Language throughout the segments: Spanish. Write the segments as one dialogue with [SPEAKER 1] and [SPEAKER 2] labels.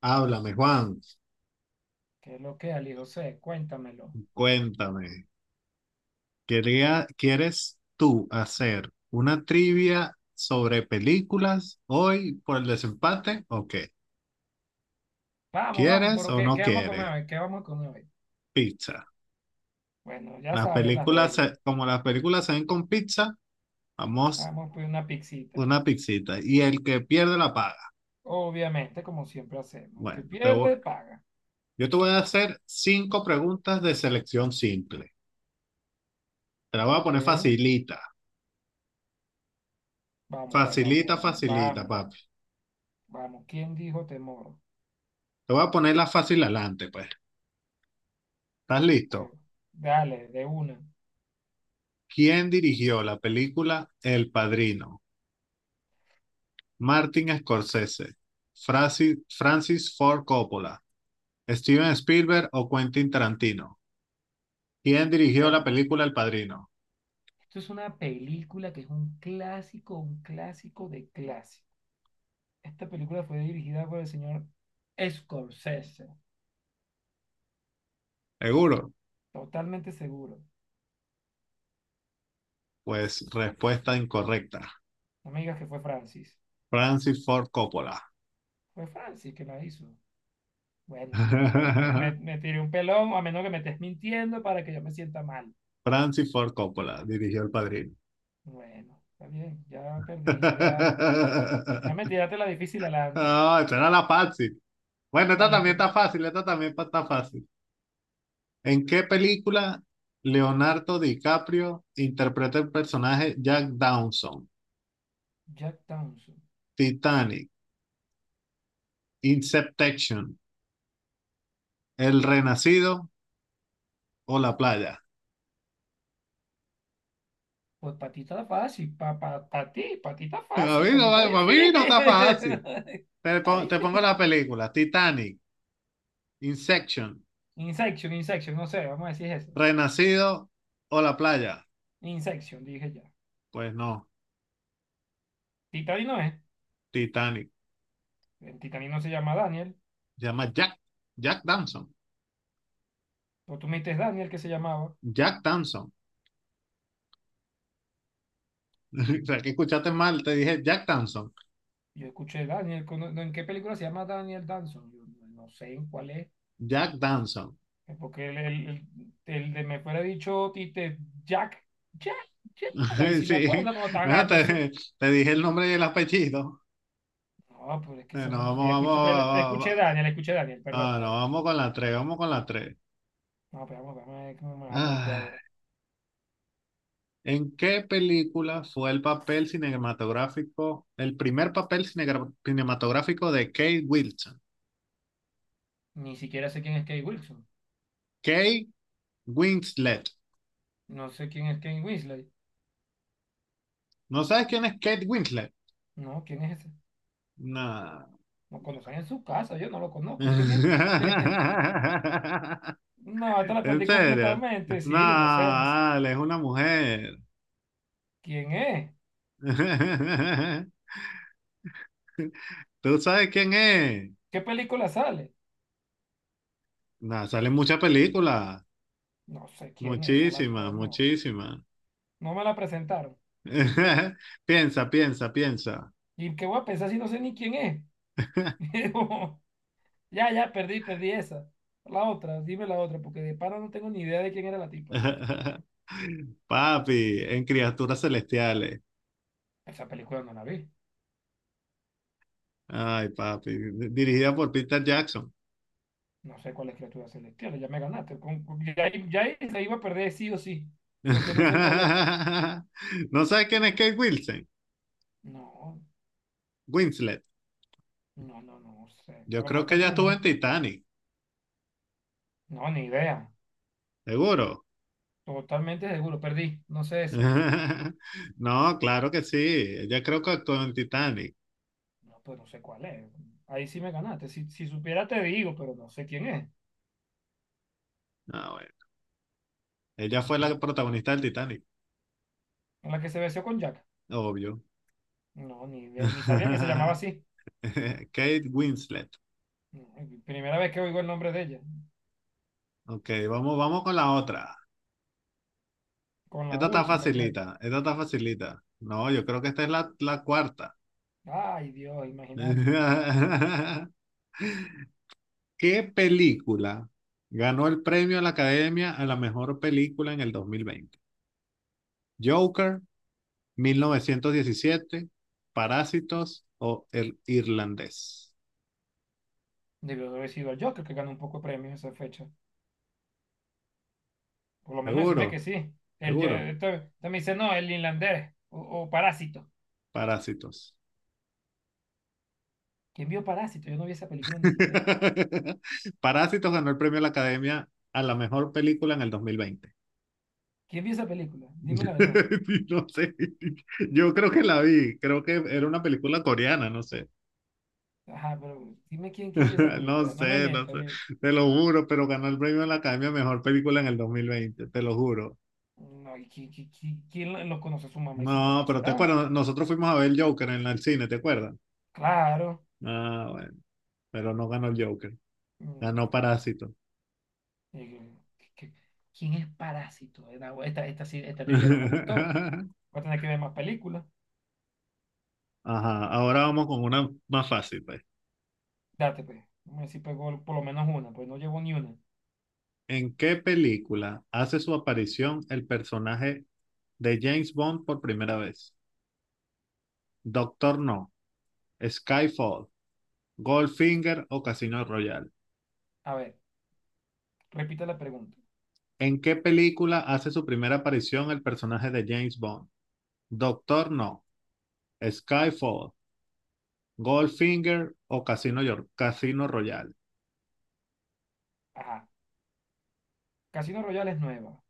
[SPEAKER 1] Háblame, Juan,
[SPEAKER 2] ¿Qué es lo que, Ali José? Cuéntamelo.
[SPEAKER 1] cuéntame. Quería, ¿quieres tú hacer una trivia sobre películas hoy por el desempate o qué?
[SPEAKER 2] Vamos, vamos,
[SPEAKER 1] ¿Quieres
[SPEAKER 2] pero
[SPEAKER 1] o
[SPEAKER 2] ¿qué
[SPEAKER 1] no
[SPEAKER 2] vamos a comer
[SPEAKER 1] quieres?
[SPEAKER 2] hoy? ¿Qué vamos a comer hoy?
[SPEAKER 1] Pizza.
[SPEAKER 2] Bueno, ya
[SPEAKER 1] Las
[SPEAKER 2] sabes las
[SPEAKER 1] películas,
[SPEAKER 2] reglas.
[SPEAKER 1] como las películas se ven con pizza, vamos
[SPEAKER 2] Vamos a pedir una pixita.
[SPEAKER 1] una pizzita. Y el que pierde la paga.
[SPEAKER 2] Obviamente, como siempre hacemos. El que
[SPEAKER 1] Bueno,
[SPEAKER 2] pierde, paga.
[SPEAKER 1] yo te voy a hacer cinco preguntas de selección simple. Te la voy a
[SPEAKER 2] Ok.
[SPEAKER 1] poner facilita.
[SPEAKER 2] Vamos, país, vamos,
[SPEAKER 1] Facilita,
[SPEAKER 2] vamos,
[SPEAKER 1] facilita,
[SPEAKER 2] vamos,
[SPEAKER 1] papi.
[SPEAKER 2] vamos. ¿Quién dijo temor?
[SPEAKER 1] Te voy a poner la fácil adelante, pues. ¿Estás
[SPEAKER 2] Bueno,
[SPEAKER 1] listo?
[SPEAKER 2] dale, de una.
[SPEAKER 1] ¿Quién dirigió la película El Padrino? Martin Scorsese, Francis Ford Coppola, Steven Spielberg o Quentin Tarantino. ¿Quién dirigió la
[SPEAKER 2] Bueno,
[SPEAKER 1] película El Padrino?
[SPEAKER 2] esto es una película que es un clásico de clásico. Esta película fue dirigida por el señor Scorsese.
[SPEAKER 1] Seguro.
[SPEAKER 2] Totalmente seguro.
[SPEAKER 1] Pues respuesta incorrecta.
[SPEAKER 2] No me digas que fue Francis.
[SPEAKER 1] Francis Ford Coppola.
[SPEAKER 2] Fue Francis que la hizo. Bueno, me, me, me, me- me tiré un pelón, a menos que me estés mintiendo para que yo me sienta mal.
[SPEAKER 1] Francis Ford Coppola dirigió El Padrino.
[SPEAKER 2] Bueno, está bien, ya perdí, ya, ya me tiraste la difícil adelante.
[SPEAKER 1] No, esta era la fácil. Bueno, esta
[SPEAKER 2] Vale,
[SPEAKER 1] también
[SPEAKER 2] pues,
[SPEAKER 1] está fácil, esta también está fácil. ¿En qué película Leonardo DiCaprio interpreta el personaje Jack Dawson?
[SPEAKER 2] Jack Townsend.
[SPEAKER 1] Titanic, Inception, El Renacido o La Playa.
[SPEAKER 2] Pues para ti está fácil, para pa, pa- pa' ti, para ti está
[SPEAKER 1] A
[SPEAKER 2] fácil,
[SPEAKER 1] mí
[SPEAKER 2] para
[SPEAKER 1] no,
[SPEAKER 2] mí está
[SPEAKER 1] para mí no está
[SPEAKER 2] difícil.
[SPEAKER 1] fácil. Te,
[SPEAKER 2] Está
[SPEAKER 1] po- te pongo
[SPEAKER 2] difícil.
[SPEAKER 1] la película, Titanic, Inception,
[SPEAKER 2] Insection, Insection, no sé, vamos a decir eso.
[SPEAKER 1] Renacido o La Playa.
[SPEAKER 2] Insection, dije ya.
[SPEAKER 1] Pues no,
[SPEAKER 2] Titani no es.
[SPEAKER 1] Titanic.
[SPEAKER 2] En Titani no se llama Daniel.
[SPEAKER 1] Se llama Jack, Jack Dawson.
[SPEAKER 2] O tú me dijiste Daniel que se llamaba.
[SPEAKER 1] Jack Dawson. O sea, que escuchaste mal, te dije Jack Dawson.
[SPEAKER 2] Yo escuché Daniel, cono- no, ¿en qué película se llama Daniel Danson? Yo no sé en cuál es,
[SPEAKER 1] Jack Dawson.
[SPEAKER 2] porque el de me fuera dicho Tite, Jack, Jack, Jack, ahí sí me acuerdo
[SPEAKER 1] Sí,
[SPEAKER 2] cuando estaba
[SPEAKER 1] bueno,
[SPEAKER 2] cagándose.
[SPEAKER 1] te dije el nombre del apellido.
[SPEAKER 2] No, pues es que eso no,
[SPEAKER 1] Vamos,
[SPEAKER 2] yo
[SPEAKER 1] vamos,
[SPEAKER 2] escuché, te
[SPEAKER 1] vamos, vamos,
[SPEAKER 2] Escuché Daniel, perdón.
[SPEAKER 1] ah, no,
[SPEAKER 2] Daniel.
[SPEAKER 1] vamos con la 3.
[SPEAKER 2] No, pero vamos, vamos, a ver cómo me vas a trampear ahora.
[SPEAKER 1] ¿En qué película fue el papel cinematográfico, el primer cinematográfico de Kate Wilson?
[SPEAKER 2] Ni siquiera sé quién es Kate Wilson,
[SPEAKER 1] Kate Winslet.
[SPEAKER 2] no sé quién es Kate Winslet,
[SPEAKER 1] ¿No sabes quién es Kate Winslet?
[SPEAKER 2] no, ¿quién es ese?
[SPEAKER 1] No.
[SPEAKER 2] No conocen en su casa, yo no lo conozco,
[SPEAKER 1] ¿En
[SPEAKER 2] ¿quién es? No, esta la perdí
[SPEAKER 1] serio?
[SPEAKER 2] completamente,
[SPEAKER 1] No,
[SPEAKER 2] sí, no sé, no sé.
[SPEAKER 1] Ale, es una mujer.
[SPEAKER 2] ¿Quién es?
[SPEAKER 1] ¿Tú sabes quién es?
[SPEAKER 2] ¿Qué película sale?
[SPEAKER 1] Nah, salen muchas películas.
[SPEAKER 2] No sé quién es, no la
[SPEAKER 1] Muchísimas,
[SPEAKER 2] conozco.
[SPEAKER 1] muchísimas.
[SPEAKER 2] No me la presentaron.
[SPEAKER 1] Piensa, piensa, piensa.
[SPEAKER 2] ¿Y qué voy a pensar si no sé ni quién es? Como, ya, ya, perdí, esa. La otra, dime la otra, porque de paro no tengo ni idea de quién era la tipa.
[SPEAKER 1] Papi, en Criaturas Celestiales.
[SPEAKER 2] Esa película no la vi.
[SPEAKER 1] Ay, papi. Dirigida por Peter Jackson.
[SPEAKER 2] No sé cuál es criatura celestial, ya me ganaste. Con- ya ahí se iba a perder sí o sí, porque no sé cuál es.
[SPEAKER 1] ¿No sabes quién es Kate Wilson?
[SPEAKER 2] No,
[SPEAKER 1] Winslet.
[SPEAKER 2] no, no, no sé. A
[SPEAKER 1] Yo
[SPEAKER 2] lo mejor
[SPEAKER 1] creo que
[SPEAKER 2] está
[SPEAKER 1] ella estuvo
[SPEAKER 2] pronunciando.
[SPEAKER 1] en Titanic,
[SPEAKER 2] No, ni idea.
[SPEAKER 1] seguro.
[SPEAKER 2] Totalmente seguro, perdí. No sé esa.
[SPEAKER 1] No, claro que sí. Ella creo que actuó en Titanic.
[SPEAKER 2] No, pues no sé cuál es. Ahí sí me ganaste. Si, si supiera te digo, pero no sé quién es.
[SPEAKER 1] Ah, bueno. Ella fue la protagonista del Titanic,
[SPEAKER 2] En la que se besó con Jack.
[SPEAKER 1] obvio.
[SPEAKER 2] No, ni, idea- ni sabía que se llamaba así.
[SPEAKER 1] Kate Winslet.
[SPEAKER 2] No, es primera vez que oigo el nombre de ella.
[SPEAKER 1] Ok, vamos, vamos con la otra.
[SPEAKER 2] Con la
[SPEAKER 1] Esta está
[SPEAKER 2] última, creo.
[SPEAKER 1] facilita, esta está facilita. No, yo creo que esta es la cuarta.
[SPEAKER 2] Ay, Dios, imagínate.
[SPEAKER 1] ¿Qué película ganó el premio a la Academia a la mejor película en el 2020? Joker, 1917, Parásitos o El Irlandés.
[SPEAKER 2] Debió de haber sido el Joker que ganó un poco de premios esa fecha. Por lo menos decime que
[SPEAKER 1] Seguro,
[SPEAKER 2] sí. El, yo-
[SPEAKER 1] seguro,
[SPEAKER 2] esto me dice, no, el inlandés o Parásito.
[SPEAKER 1] Parásitos.
[SPEAKER 2] ¿Quién vio Parásito? Yo no vi esa película ni siquiera.
[SPEAKER 1] Parásitos ganó el premio de la Academia a la mejor película en el 2020.
[SPEAKER 2] ¿Quién vio esa película? Dime la verdad.
[SPEAKER 1] No sé, yo creo que la vi, creo que era una película coreana, no sé,
[SPEAKER 2] Ajá, pero dime quién vio esa
[SPEAKER 1] no
[SPEAKER 2] película. No me
[SPEAKER 1] sé, no
[SPEAKER 2] mientas.
[SPEAKER 1] sé, te lo juro, pero ganó el premio de la Academia a mejor película en el 2020. Te lo juro.
[SPEAKER 2] No, ¿y quién, lo conoce? ¿Su mamá y su
[SPEAKER 1] No,
[SPEAKER 2] papá
[SPEAKER 1] pero te
[SPEAKER 2] será?
[SPEAKER 1] acuerdas, nosotros fuimos a ver el Joker en el cine, ¿te acuerdas?
[SPEAKER 2] Claro.
[SPEAKER 1] Ah, bueno, pero no ganó el Joker,
[SPEAKER 2] Mm,
[SPEAKER 1] ganó
[SPEAKER 2] no,
[SPEAKER 1] Parásito.
[SPEAKER 2] y- que- ¿quién es Parásito? No, Esta trivia no me gustó. Voy a tener que ver más películas.
[SPEAKER 1] Ajá, ahora vamos con una más fácil, pues.
[SPEAKER 2] Date, pues. Vamos a ver si pegó por lo menos una, pues no llevo ni una.
[SPEAKER 1] ¿En qué película hace su aparición el personaje de James Bond por primera vez? Doctor No, Skyfall, Goldfinger o Casino Royale.
[SPEAKER 2] A ver, repite la pregunta.
[SPEAKER 1] ¿En qué película hace su primera aparición el personaje de James Bond? Doctor No, Skyfall, Goldfinger o Casino Royale.
[SPEAKER 2] Ajá. Casino Royale es nueva.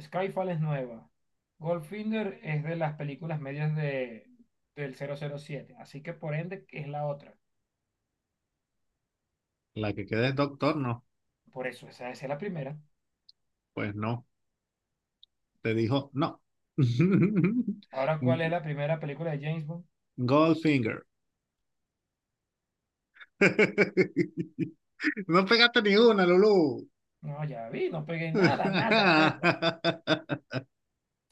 [SPEAKER 2] Skyfall es nueva. Goldfinger es de las películas medias de, del 007. Así que por ende es la otra.
[SPEAKER 1] La que queda es Doctor No.
[SPEAKER 2] Por eso, esa es la primera.
[SPEAKER 1] Pues no, te dijo no.
[SPEAKER 2] Ahora, ¿cuál es la primera película de James Bond?
[SPEAKER 1] Goldfinger. No pegaste ni una, Lulú.
[SPEAKER 2] No, ya vi, no pegué nada, nada, nada.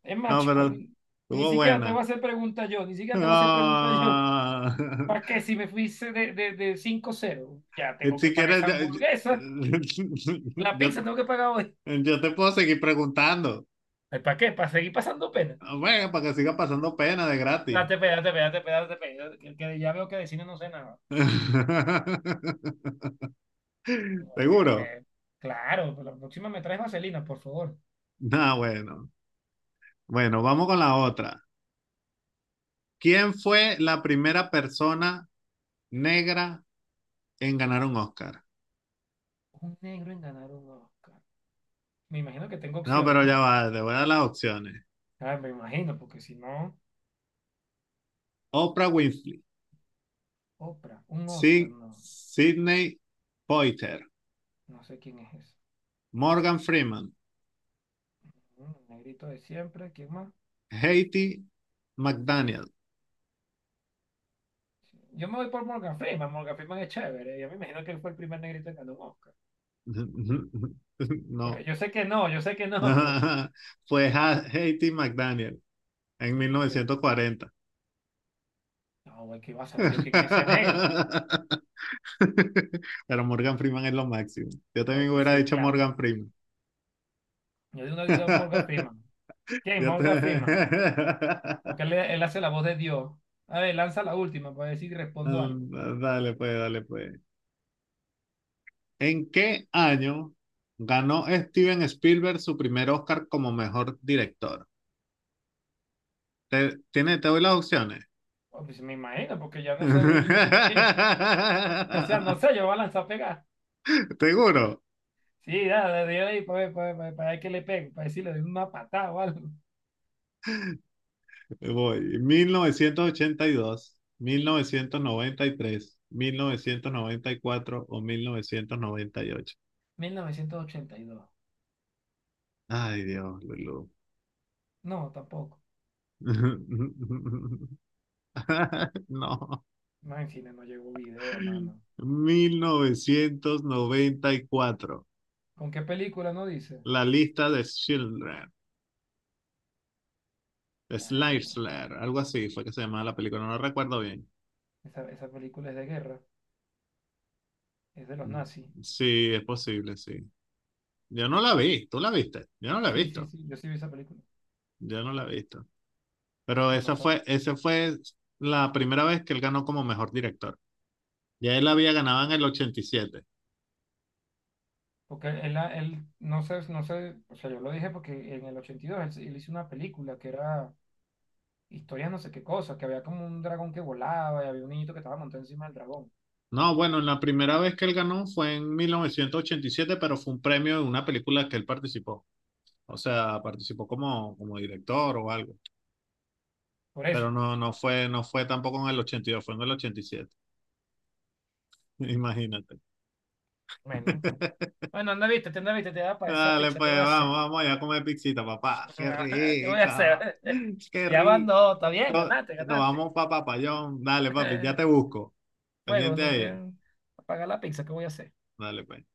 [SPEAKER 2] Es más,
[SPEAKER 1] No,
[SPEAKER 2] chico,
[SPEAKER 1] pero
[SPEAKER 2] ni
[SPEAKER 1] estuvo
[SPEAKER 2] siquiera te voy
[SPEAKER 1] buena.
[SPEAKER 2] a hacer pregunta yo, ni siquiera te voy a hacer pregunta yo.
[SPEAKER 1] Ah,
[SPEAKER 2] ¿Para qué? Si me fuiste de, de 5-0, ya tengo que
[SPEAKER 1] si
[SPEAKER 2] pagar
[SPEAKER 1] quieres,
[SPEAKER 2] esa hamburguesa, la
[SPEAKER 1] yo-
[SPEAKER 2] pizza tengo que pagar hoy.
[SPEAKER 1] yo te puedo seguir preguntando.
[SPEAKER 2] ¿Ay, ¿para qué? ¿Para seguir pasando pena?
[SPEAKER 1] Bueno, para que siga pasando pena de gratis.
[SPEAKER 2] Date pena, date pena, date pena, date pena. Que ya veo que de cine no sé nada. Me-
[SPEAKER 1] ¿Seguro?
[SPEAKER 2] me- Claro, pues la próxima me traes vaselina, por favor.
[SPEAKER 1] Ah, bueno. Bueno, vamos con la otra. ¿Quién fue la primera persona negra en ganar un Oscar?
[SPEAKER 2] Un negro en ganar un Oscar. Me imagino que tengo
[SPEAKER 1] No,
[SPEAKER 2] opciones,
[SPEAKER 1] pero
[SPEAKER 2] ¿no?
[SPEAKER 1] ya va, te voy a dar las opciones.
[SPEAKER 2] Ah, me imagino, porque si no.
[SPEAKER 1] Oprah Winfrey.
[SPEAKER 2] Oprah, un Oscar, no,
[SPEAKER 1] Sidney Poitier,
[SPEAKER 2] no sé quién es ese.
[SPEAKER 1] Morgan Freeman,
[SPEAKER 2] Mm, negrito de siempre, ¿quién más?
[SPEAKER 1] Haiti McDaniel.
[SPEAKER 2] Sí, yo me voy por Morgan Freeman, Morgan Freeman es chévere, yo me imagino que él fue el primer negrito en ganar un Oscar.
[SPEAKER 1] No,
[SPEAKER 2] Pues yo sé que no, yo sé que no, pero
[SPEAKER 1] fue Haiti McDaniel en
[SPEAKER 2] sí,
[SPEAKER 1] mil
[SPEAKER 2] porque,
[SPEAKER 1] novecientos cuarenta,
[SPEAKER 2] no, güey, ¿qué iba a saber yo quién es ese negro?
[SPEAKER 1] Pero Morgan Freeman es lo máximo. Yo también hubiera
[SPEAKER 2] Sí,
[SPEAKER 1] dicho
[SPEAKER 2] claro.
[SPEAKER 1] Morgan Freeman.
[SPEAKER 2] Yo de uno digo Morgan Freeman. ¿Quién?
[SPEAKER 1] Yo te-
[SPEAKER 2] Morgan Freeman. Porque él hace la voz de Dios. A ver, lanza la última para ver si respondo algo.
[SPEAKER 1] Dale, pues, dale, pues. ¿En qué año ganó Steven Spielberg su primer Oscar como mejor director? Te, tiene, te doy las opciones.
[SPEAKER 2] Oh, pues me imagino, porque ya no sé de- ni siquiera, o sea, no sé, yo voy a lanzar pegar.
[SPEAKER 1] Seguro.
[SPEAKER 2] Sí, dale, de ahí para ver, para ver, para ver, para ver qué le pego, para decirle de una patada o algo.
[SPEAKER 1] Voy. Mil novecientos ochenta y dos, 1993, 1994 o 1998.
[SPEAKER 2] 1982.
[SPEAKER 1] Ay, Dios, Lulú.
[SPEAKER 2] No, tampoco.
[SPEAKER 1] No.
[SPEAKER 2] No, en cine no llegó video, mano.
[SPEAKER 1] 1994.
[SPEAKER 2] ¿Con qué película no dice?
[SPEAKER 1] La lista de Schindler.
[SPEAKER 2] Ah, esa,
[SPEAKER 1] Slide Slayer, algo así fue que se llamaba la película, no lo recuerdo bien.
[SPEAKER 2] esa, esa película es de guerra, es de los
[SPEAKER 1] Mm,
[SPEAKER 2] nazis.
[SPEAKER 1] sí, es posible, sí. Yo no la vi, tú la viste, yo no la he
[SPEAKER 2] Sí, sí,
[SPEAKER 1] visto,
[SPEAKER 2] sí, yo sí vi esa película.
[SPEAKER 1] yo no la he visto. Pero
[SPEAKER 2] Pero no sé.
[SPEAKER 1] esa fue la primera vez que él ganó como mejor director. Ya él había ganado en el 87.
[SPEAKER 2] Porque él, la- él no sé, no sé, o sea, yo lo dije porque en el 82 él, se- él hizo una película que era historia no sé qué cosa, que había como un dragón que volaba y había un niñito que estaba montado encima del dragón.
[SPEAKER 1] No, bueno, la primera vez que él ganó fue en 1987, pero fue un premio en una película que él participó. O sea, participó como director o algo.
[SPEAKER 2] Por eso.
[SPEAKER 1] Pero no, no fue, no fue tampoco en el 82, fue en el 87. Imagínate.
[SPEAKER 2] Bueno. Bueno, anda, viste, te da para esa
[SPEAKER 1] Dale,
[SPEAKER 2] pizza, ¿qué voy
[SPEAKER 1] pues
[SPEAKER 2] a
[SPEAKER 1] vamos,
[SPEAKER 2] hacer?
[SPEAKER 1] vamos allá a comer pizzita, papá. Qué
[SPEAKER 2] ¿Qué voy a
[SPEAKER 1] rica,
[SPEAKER 2] hacer?
[SPEAKER 1] qué
[SPEAKER 2] Ya van
[SPEAKER 1] rico.
[SPEAKER 2] dos, está bien, ganaste,
[SPEAKER 1] Nos
[SPEAKER 2] ganaste.
[SPEAKER 1] vamos para Papayón. Dale, papi, ya te busco.
[SPEAKER 2] Juego,
[SPEAKER 1] Pendiente
[SPEAKER 2] no
[SPEAKER 1] ahí.
[SPEAKER 2] quieren pagar la pizza, ¿qué voy a hacer?
[SPEAKER 1] Dale, pues.